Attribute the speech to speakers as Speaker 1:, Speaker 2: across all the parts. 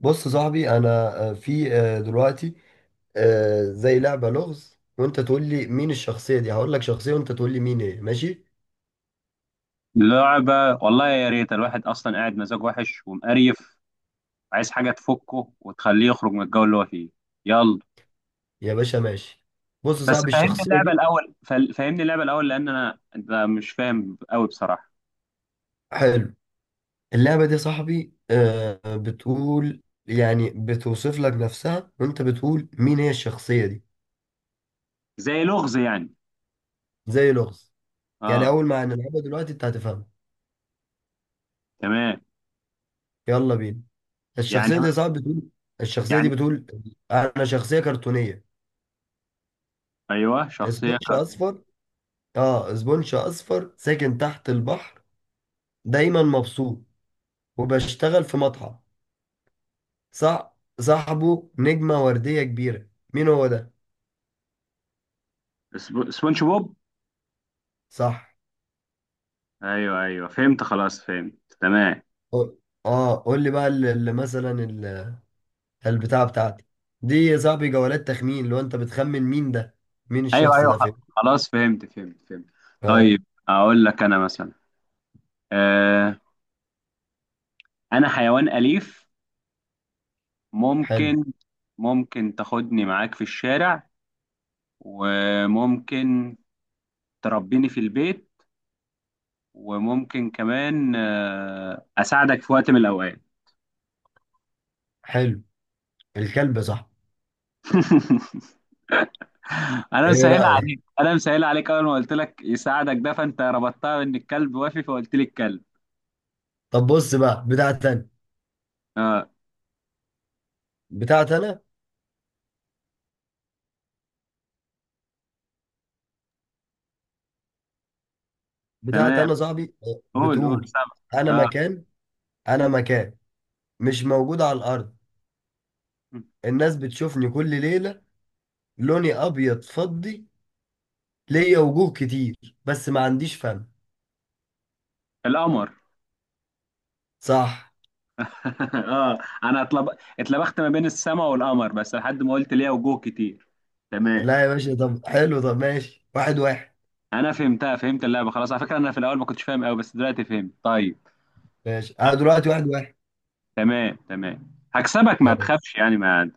Speaker 1: بص يا صاحبي انا في دلوقتي زي لعبة لغز. وانت تقول لي مين الشخصية دي، هقول لك شخصية وانت تقول لي مين. ايه، ماشي؟
Speaker 2: لعبة. والله يا ريت الواحد أصلا قاعد مزاج وحش ومقريف، عايز حاجة تفكه وتخليه يخرج من الجو اللي هو فيه. يلا.
Speaker 1: يا باشا ماشي. بص يا
Speaker 2: بس
Speaker 1: صاحبي
Speaker 2: فهمني
Speaker 1: الشخصية
Speaker 2: اللعبة
Speaker 1: دي.
Speaker 2: الأول، فهمني اللعبة الأول، لأن أنا أنت مش فاهم قوي بصراحة.
Speaker 1: حلو. اللعبة دي يا صاحبي بتقول، يعني بتوصف لك نفسها وانت بتقول مين هي الشخصية دي.
Speaker 2: زي لغز يعني.
Speaker 1: زي لغز يعني.
Speaker 2: أه.
Speaker 1: اول ما نلعبها دلوقتي انت هتفهمها.
Speaker 2: تمام.
Speaker 1: يلا بينا.
Speaker 2: يعني
Speaker 1: الشخصية دي يا صاحبي بتقول. الشخصية دي
Speaker 2: يعني
Speaker 1: بتقول: انا شخصية كرتونية.
Speaker 2: أيوه، شخصية.
Speaker 1: سبونج اصفر اه زبونش اصفر ساكن تحت البحر. دايما مبسوط وبشتغل في مطعم. صح. صاحبه نجمة وردية كبيرة. مين هو ده؟
Speaker 2: سبونج بوب.
Speaker 1: صح.
Speaker 2: أيوه، أيوه، فهمت خلاص فهمت. تمام.
Speaker 1: قول- اه قول لي بقى اللي مثلا البتاعة بتاعتي دي يا صاحبي جولات تخمين، لو انت بتخمن مين ده، مين
Speaker 2: أيوه،
Speaker 1: الشخص
Speaker 2: أيوه،
Speaker 1: ده، فين.
Speaker 2: خلاص فهمت فهمت فهمت،
Speaker 1: اه.
Speaker 2: طيب. أقول لك أنا مثلا. آه أنا حيوان أليف.
Speaker 1: حلو.
Speaker 2: ممكن ممكن تاخدني معاك في الشارع، وممكن تربيني في البيت، وممكن كمان اساعدك في وقت من الاوقات.
Speaker 1: حلو. الكلب صح؟
Speaker 2: انا
Speaker 1: ايه
Speaker 2: مسهل عليك،
Speaker 1: رأيك؟
Speaker 2: انا مسهل عليك، اول ما قلت لك يساعدك ده، فانت ربطتها بان الكلب وافي، فقلت لي الكلب.
Speaker 1: طب بص بقى.
Speaker 2: اه.
Speaker 1: بتاعت انا بتاعت
Speaker 2: تمام،
Speaker 1: انا صاحبي
Speaker 2: قول قول،
Speaker 1: بتقول.
Speaker 2: سامع.
Speaker 1: انا
Speaker 2: اه،
Speaker 1: مكان انا مكان مش موجود على الارض. الناس بتشوفني كل ليلة. لوني أبيض فضي. ليا وجوه كتير بس ما عنديش فم.
Speaker 2: القمر.
Speaker 1: صح.
Speaker 2: اه انا اتلبخت ما بين السماء والقمر، بس لحد ما قلت ليها وجوه كتير. تمام.
Speaker 1: لا يا باشا، طب حلو، طب ماشي. واحد واحد.
Speaker 2: انا فهمتها، فهمت اللعبه، خلاص، على فكره انا في الاول ما كنتش فاهم قوي، بس دلوقتي فهمت، طيب.
Speaker 1: ماشي أنا دلوقتي واحد واحد.
Speaker 2: تمام، تمام، هكسبك، ما
Speaker 1: يا
Speaker 2: تخافش يعني، ما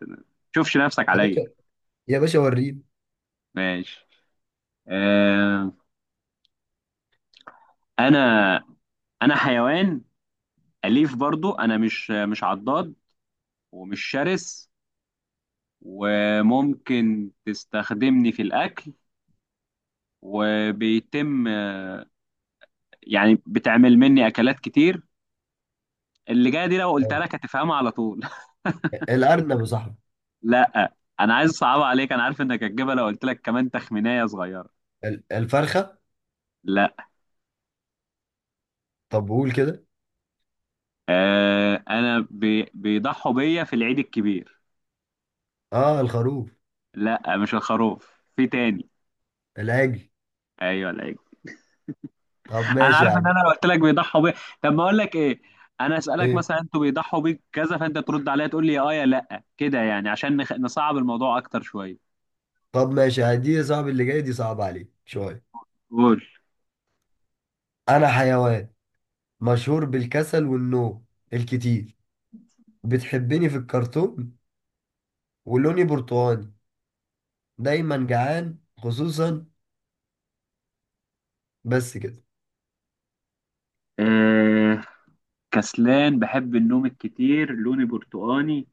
Speaker 2: تشوفش نفسك عليا.
Speaker 1: باشا، يا باشا وريني.
Speaker 2: ماشي. آه انا انا حيوان اليف برضو، انا مش عضاد، ومش شرس، وممكن تستخدمني في الاكل، وبيتم يعني بتعمل مني اكلات كتير، اللي جايه دي لو قلتها لك هتفهمها على طول.
Speaker 1: الأرنب يا صاحبي.
Speaker 2: لا. انا عايز اصعبها عليك، انا عارف انك هتجيبها لو قلت لك كمان تخمينية صغيرة.
Speaker 1: الفرخة.
Speaker 2: لا.
Speaker 1: طب قول كده.
Speaker 2: انا بيضحوا بيا في العيد الكبير.
Speaker 1: اه، الخروف.
Speaker 2: لا، مش الخروف، في تاني.
Speaker 1: العجل.
Speaker 2: ايوه، العيد.
Speaker 1: طب
Speaker 2: انا
Speaker 1: ماشي
Speaker 2: عارف
Speaker 1: يا
Speaker 2: ان
Speaker 1: عم.
Speaker 2: انا لو قلت لك بيضحوا بيا، طب ما اقول لك ايه، انا اسالك
Speaker 1: ايه.
Speaker 2: مثلا انتوا بيضحوا بيك كذا، فانت ترد عليا تقول لي يا اه يا لا كده، يعني عشان نصعب الموضوع اكتر شوية.
Speaker 1: طب ماشي، هدي يا صاحبي اللي جاي دي صعبة عليك شوية.
Speaker 2: قول.
Speaker 1: أنا حيوان مشهور بالكسل والنوم الكتير. بتحبني في الكرتون ولوني برتقاني. دايما جعان، خصوصا. بس كده.
Speaker 2: آه كسلان، بحب النوم الكتير، لوني برتقاني،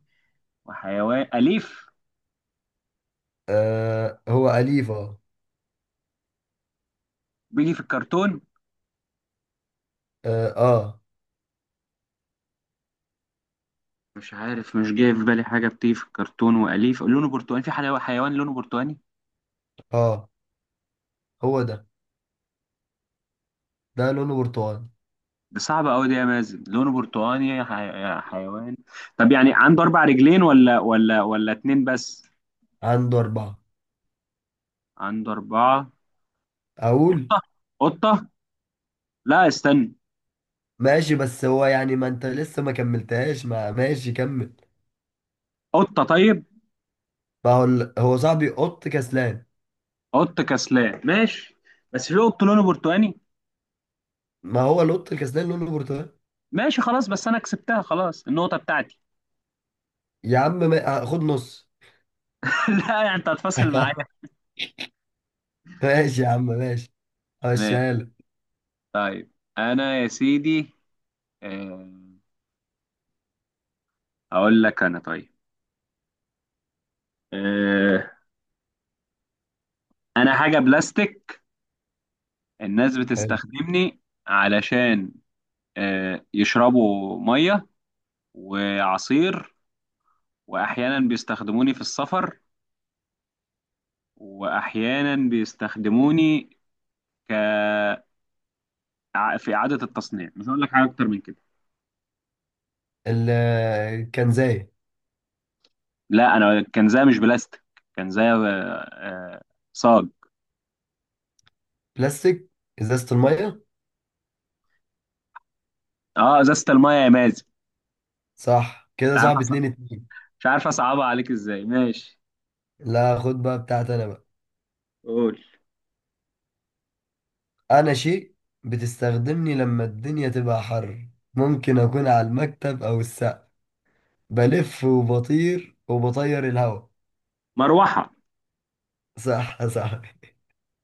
Speaker 2: وحيوان اليف،
Speaker 1: آه، هو أليف. اه،
Speaker 2: بيجي في الكرتون.
Speaker 1: اه، اه.
Speaker 2: مش عارف، مش جاي في بالي حاجة بتيجي في الكرتون وأليف لونه برتقاني، في حيوان لونه برتقاني.
Speaker 1: آه، هو ده لونه برتقاني.
Speaker 2: دي صعبة أوي دي يا مازن، لونه برتقاني، حيوان. طب يعني عنده أربع رجلين، ولا اتنين بس؟
Speaker 1: عنده أربعة.
Speaker 2: عنده أربعة.
Speaker 1: أقول.
Speaker 2: قطة، قطة، لا، استنى.
Speaker 1: ماشي، بس هو يعني ما أنت لسه ما كملتهاش. ما ماشي، كمل.
Speaker 2: قطة، طيب.
Speaker 1: ما هو هو صاحبي قط كسلان.
Speaker 2: قط كسلان، ماشي، بس في قط لونه برتقاني.
Speaker 1: ما هو القط الكسلان لونه برتقاني.
Speaker 2: ماشي، خلاص، بس أنا كسبتها خلاص، النقطة بتاعتي.
Speaker 1: يا عم ما... خد نص.
Speaker 2: لا، يعني أنت هتفاصل معايا.
Speaker 1: ماشي يا عم ماشي.
Speaker 2: ماشي.
Speaker 1: همشيها لك.
Speaker 2: طيب. أنا يا سيدي، آه، هقول لك أنا، طيب، آه، انا حاجه بلاستيك، الناس
Speaker 1: حلو.
Speaker 2: بتستخدمني علشان يشربوا ميه وعصير، واحيانا بيستخدموني في السفر، واحيانا بيستخدموني ك في اعاده التصنيع، مش هقول لك حاجه اكتر من كده.
Speaker 1: ال- كان زي
Speaker 2: لا، انا كنزايه مش بلاستيك، كنزايه، صاج.
Speaker 1: بلاستيك، ازازة المية.
Speaker 2: اه، ازازه الميه يا مازن.
Speaker 1: صح كده.
Speaker 2: مش عارف
Speaker 1: صعب.
Speaker 2: أص-
Speaker 1: اتنين اتنين.
Speaker 2: مش عارف اصعبها عليك ازاي، ماشي.
Speaker 1: لا، خد بقى بتاعت انا بقى.
Speaker 2: قول.
Speaker 1: انا شيء بتستخدمني لما الدنيا تبقى حر. ممكن اكون على المكتب او السقف. بلف وبطير الهوا.
Speaker 2: مروحه.
Speaker 1: صح، صح.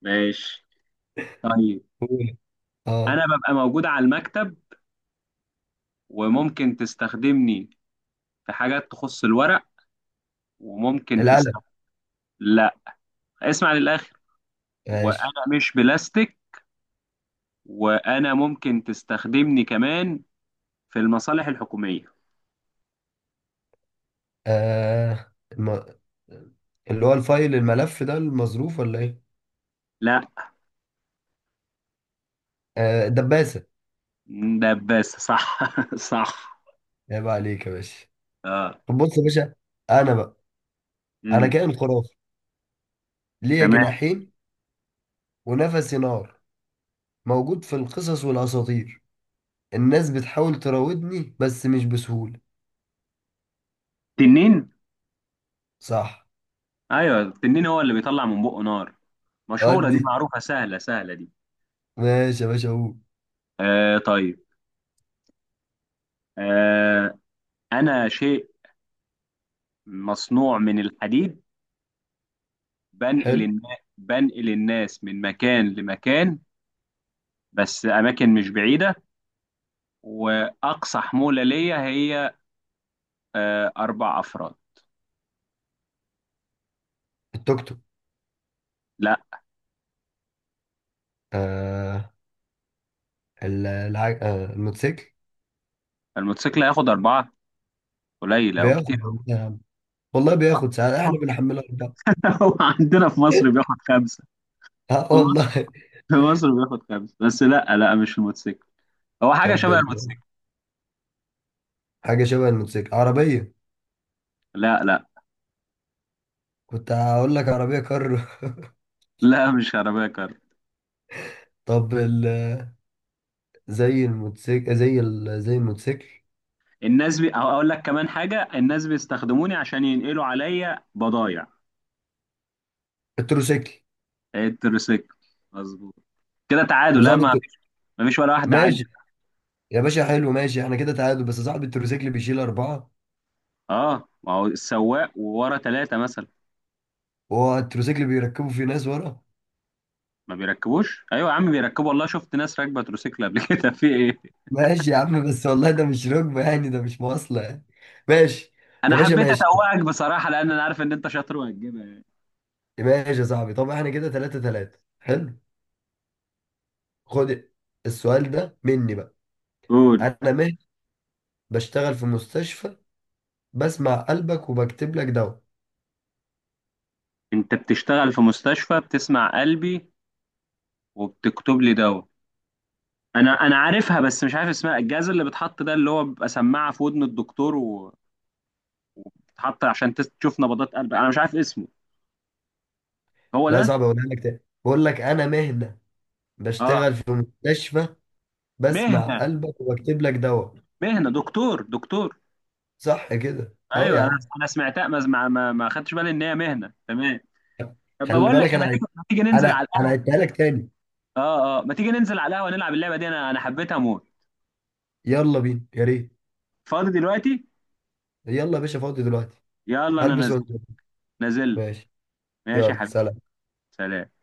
Speaker 2: ماشي، طيب،
Speaker 1: قول.
Speaker 2: انا
Speaker 1: اه.
Speaker 2: ببقى موجود على المكتب، وممكن تستخدمني في حاجات تخص الورق، وممكن
Speaker 1: القلم.
Speaker 2: تستخدم. لا، اسمع للآخر،
Speaker 1: ماشي.
Speaker 2: وأنا مش بلاستيك، وأنا ممكن تستخدمني كمان في المصالح الحكومية.
Speaker 1: آه الم... اللي هو الفايل، الملف ده، المظروف ولا ايه؟
Speaker 2: لا.
Speaker 1: آه، الدباسة.
Speaker 2: دباسة، صح، صح.
Speaker 1: عيب عليك يا باشا.
Speaker 2: اه.
Speaker 1: طب بص يا باشا، انا بقى انا
Speaker 2: امم
Speaker 1: كائن خرافي. ليا
Speaker 2: تمام.
Speaker 1: جناحين ونفسي نار. موجود في القصص والأساطير. الناس بتحاول تراودني بس مش بسهولة.
Speaker 2: تنين.
Speaker 1: صح.
Speaker 2: ايوه، التنين هو اللي بيطلع من بقه نار، مشهورة دي،
Speaker 1: أدي.
Speaker 2: معروفة، سهلة سهلة دي.
Speaker 1: ماشي يا باشا، أقول.
Speaker 2: طيب، آه أنا شيء مصنوع من الحديد، بنقل
Speaker 1: حلو.
Speaker 2: الناس، بنقل الناس من مكان لمكان، بس اماكن مش بعيده، واقصى حموله ليا هي اربع افراد.
Speaker 1: التوك توك.
Speaker 2: لا.
Speaker 1: آه ال- الع... آه الموتوسيكل.
Speaker 2: الموتوسيكل هياخد اربعه؟ قليل او
Speaker 1: بياخد
Speaker 2: كتير
Speaker 1: ولا
Speaker 2: أوي.
Speaker 1: إيه يا عم؟ والله بياخد، ساعات احنا بنحملها أربعة.
Speaker 2: هو عندنا في مصر بياخد خمسه.
Speaker 1: اه
Speaker 2: في مصر
Speaker 1: والله.
Speaker 2: في مصر بياخد خمسه، بس لا، لا، مش الموتوسيكل، هو حاجه
Speaker 1: طب
Speaker 2: شبه الموتوسيكل.
Speaker 1: حاجة شبه الموتوسيكل، عربية.
Speaker 2: لا، لا،
Speaker 1: كنت هقول لك عربية
Speaker 2: لا، مش عربيه كار.
Speaker 1: طب زي الموتوسيكل، زي الموتوسيكل.
Speaker 2: الناس أو اقول لك كمان حاجه، الناس بيستخدموني عشان ينقلوا عليا بضايع.
Speaker 1: التروسيكل.
Speaker 2: التريسيكل، مظبوط، كده
Speaker 1: طب
Speaker 2: تعادل، لا،
Speaker 1: صعب.
Speaker 2: ما ما فيش ولا واحدة عدت.
Speaker 1: ماشي يا باشا حلو. ماشي، احنا كده تعادل. بس صاحب التروسيكل بيشيل أربعة،
Speaker 2: اه، ما هو السواق، وورا ثلاثة مثلا.
Speaker 1: وهو التروسيكل بيركبه في ناس ورا.
Speaker 2: ما بيركبوش، ايوه يا عم بيركبوا والله، شفت ناس راكبة تروسيكل قبل كده، في ايه؟
Speaker 1: ماشي يا عم بس والله ده مش ركبة يعني، ده مش مواصلة يعني. ماشي يا
Speaker 2: انا
Speaker 1: باشا،
Speaker 2: حبيت
Speaker 1: ماشي.
Speaker 2: اتوقك بصراحة، لان انا عارف ان انت شاطر وهتجيبها يعني.
Speaker 1: ماشي يا صاحبي، طب احنا كده تلاتة تلاتة. حلو. خد السؤال ده مني بقى.
Speaker 2: قول.
Speaker 1: أنا مهدي، بشتغل في مستشفى. بسمع قلبك وبكتب لك دواء.
Speaker 2: انت بتشتغل في مستشفى، بتسمع قلبي وبتكتب لي دواء، انا عارفها بس مش عارف اسمها، الجهاز اللي بيتحط ده اللي هو بيبقى سماعة في ودن الدكتور، وتتحط عشان تشوف نبضات قلبك، انا مش عارف اسمه، هو
Speaker 1: لا،
Speaker 2: ده.
Speaker 1: صعب. أقولها لك تاني. بقول لك: أنا مهدي،
Speaker 2: اه.
Speaker 1: بشتغل في مستشفى. بسمع
Speaker 2: مهنة،
Speaker 1: قلبك وبكتب لك دواء.
Speaker 2: مهنة دكتور، دكتور.
Speaker 1: صح كده، اه
Speaker 2: ايوه،
Speaker 1: يا
Speaker 2: انا
Speaker 1: عم.
Speaker 2: انا سمعتها، ما خدتش بالي ان هي مهنه، تمام، طب ما
Speaker 1: خلي
Speaker 2: بقول لك
Speaker 1: بالك.
Speaker 2: إيه، ما تيجي ما تيجي ننزل
Speaker 1: انا
Speaker 2: على
Speaker 1: انا
Speaker 2: القهوه.
Speaker 1: هديها لك تاني.
Speaker 2: اه، اه، ما تيجي ننزل على القهوه، نلعب اللعبه دي، انا حبيتها موت.
Speaker 1: يلا بينا، يا ريت.
Speaker 2: فاضي دلوقتي.
Speaker 1: يلا يا باشا، فاضي دلوقتي.
Speaker 2: يلا انا
Speaker 1: هلبس
Speaker 2: نازل.
Speaker 1: وانزل.
Speaker 2: نازل.
Speaker 1: ماشي.
Speaker 2: ماشي يا
Speaker 1: يلا
Speaker 2: حبيبي.
Speaker 1: سلام.
Speaker 2: سلام.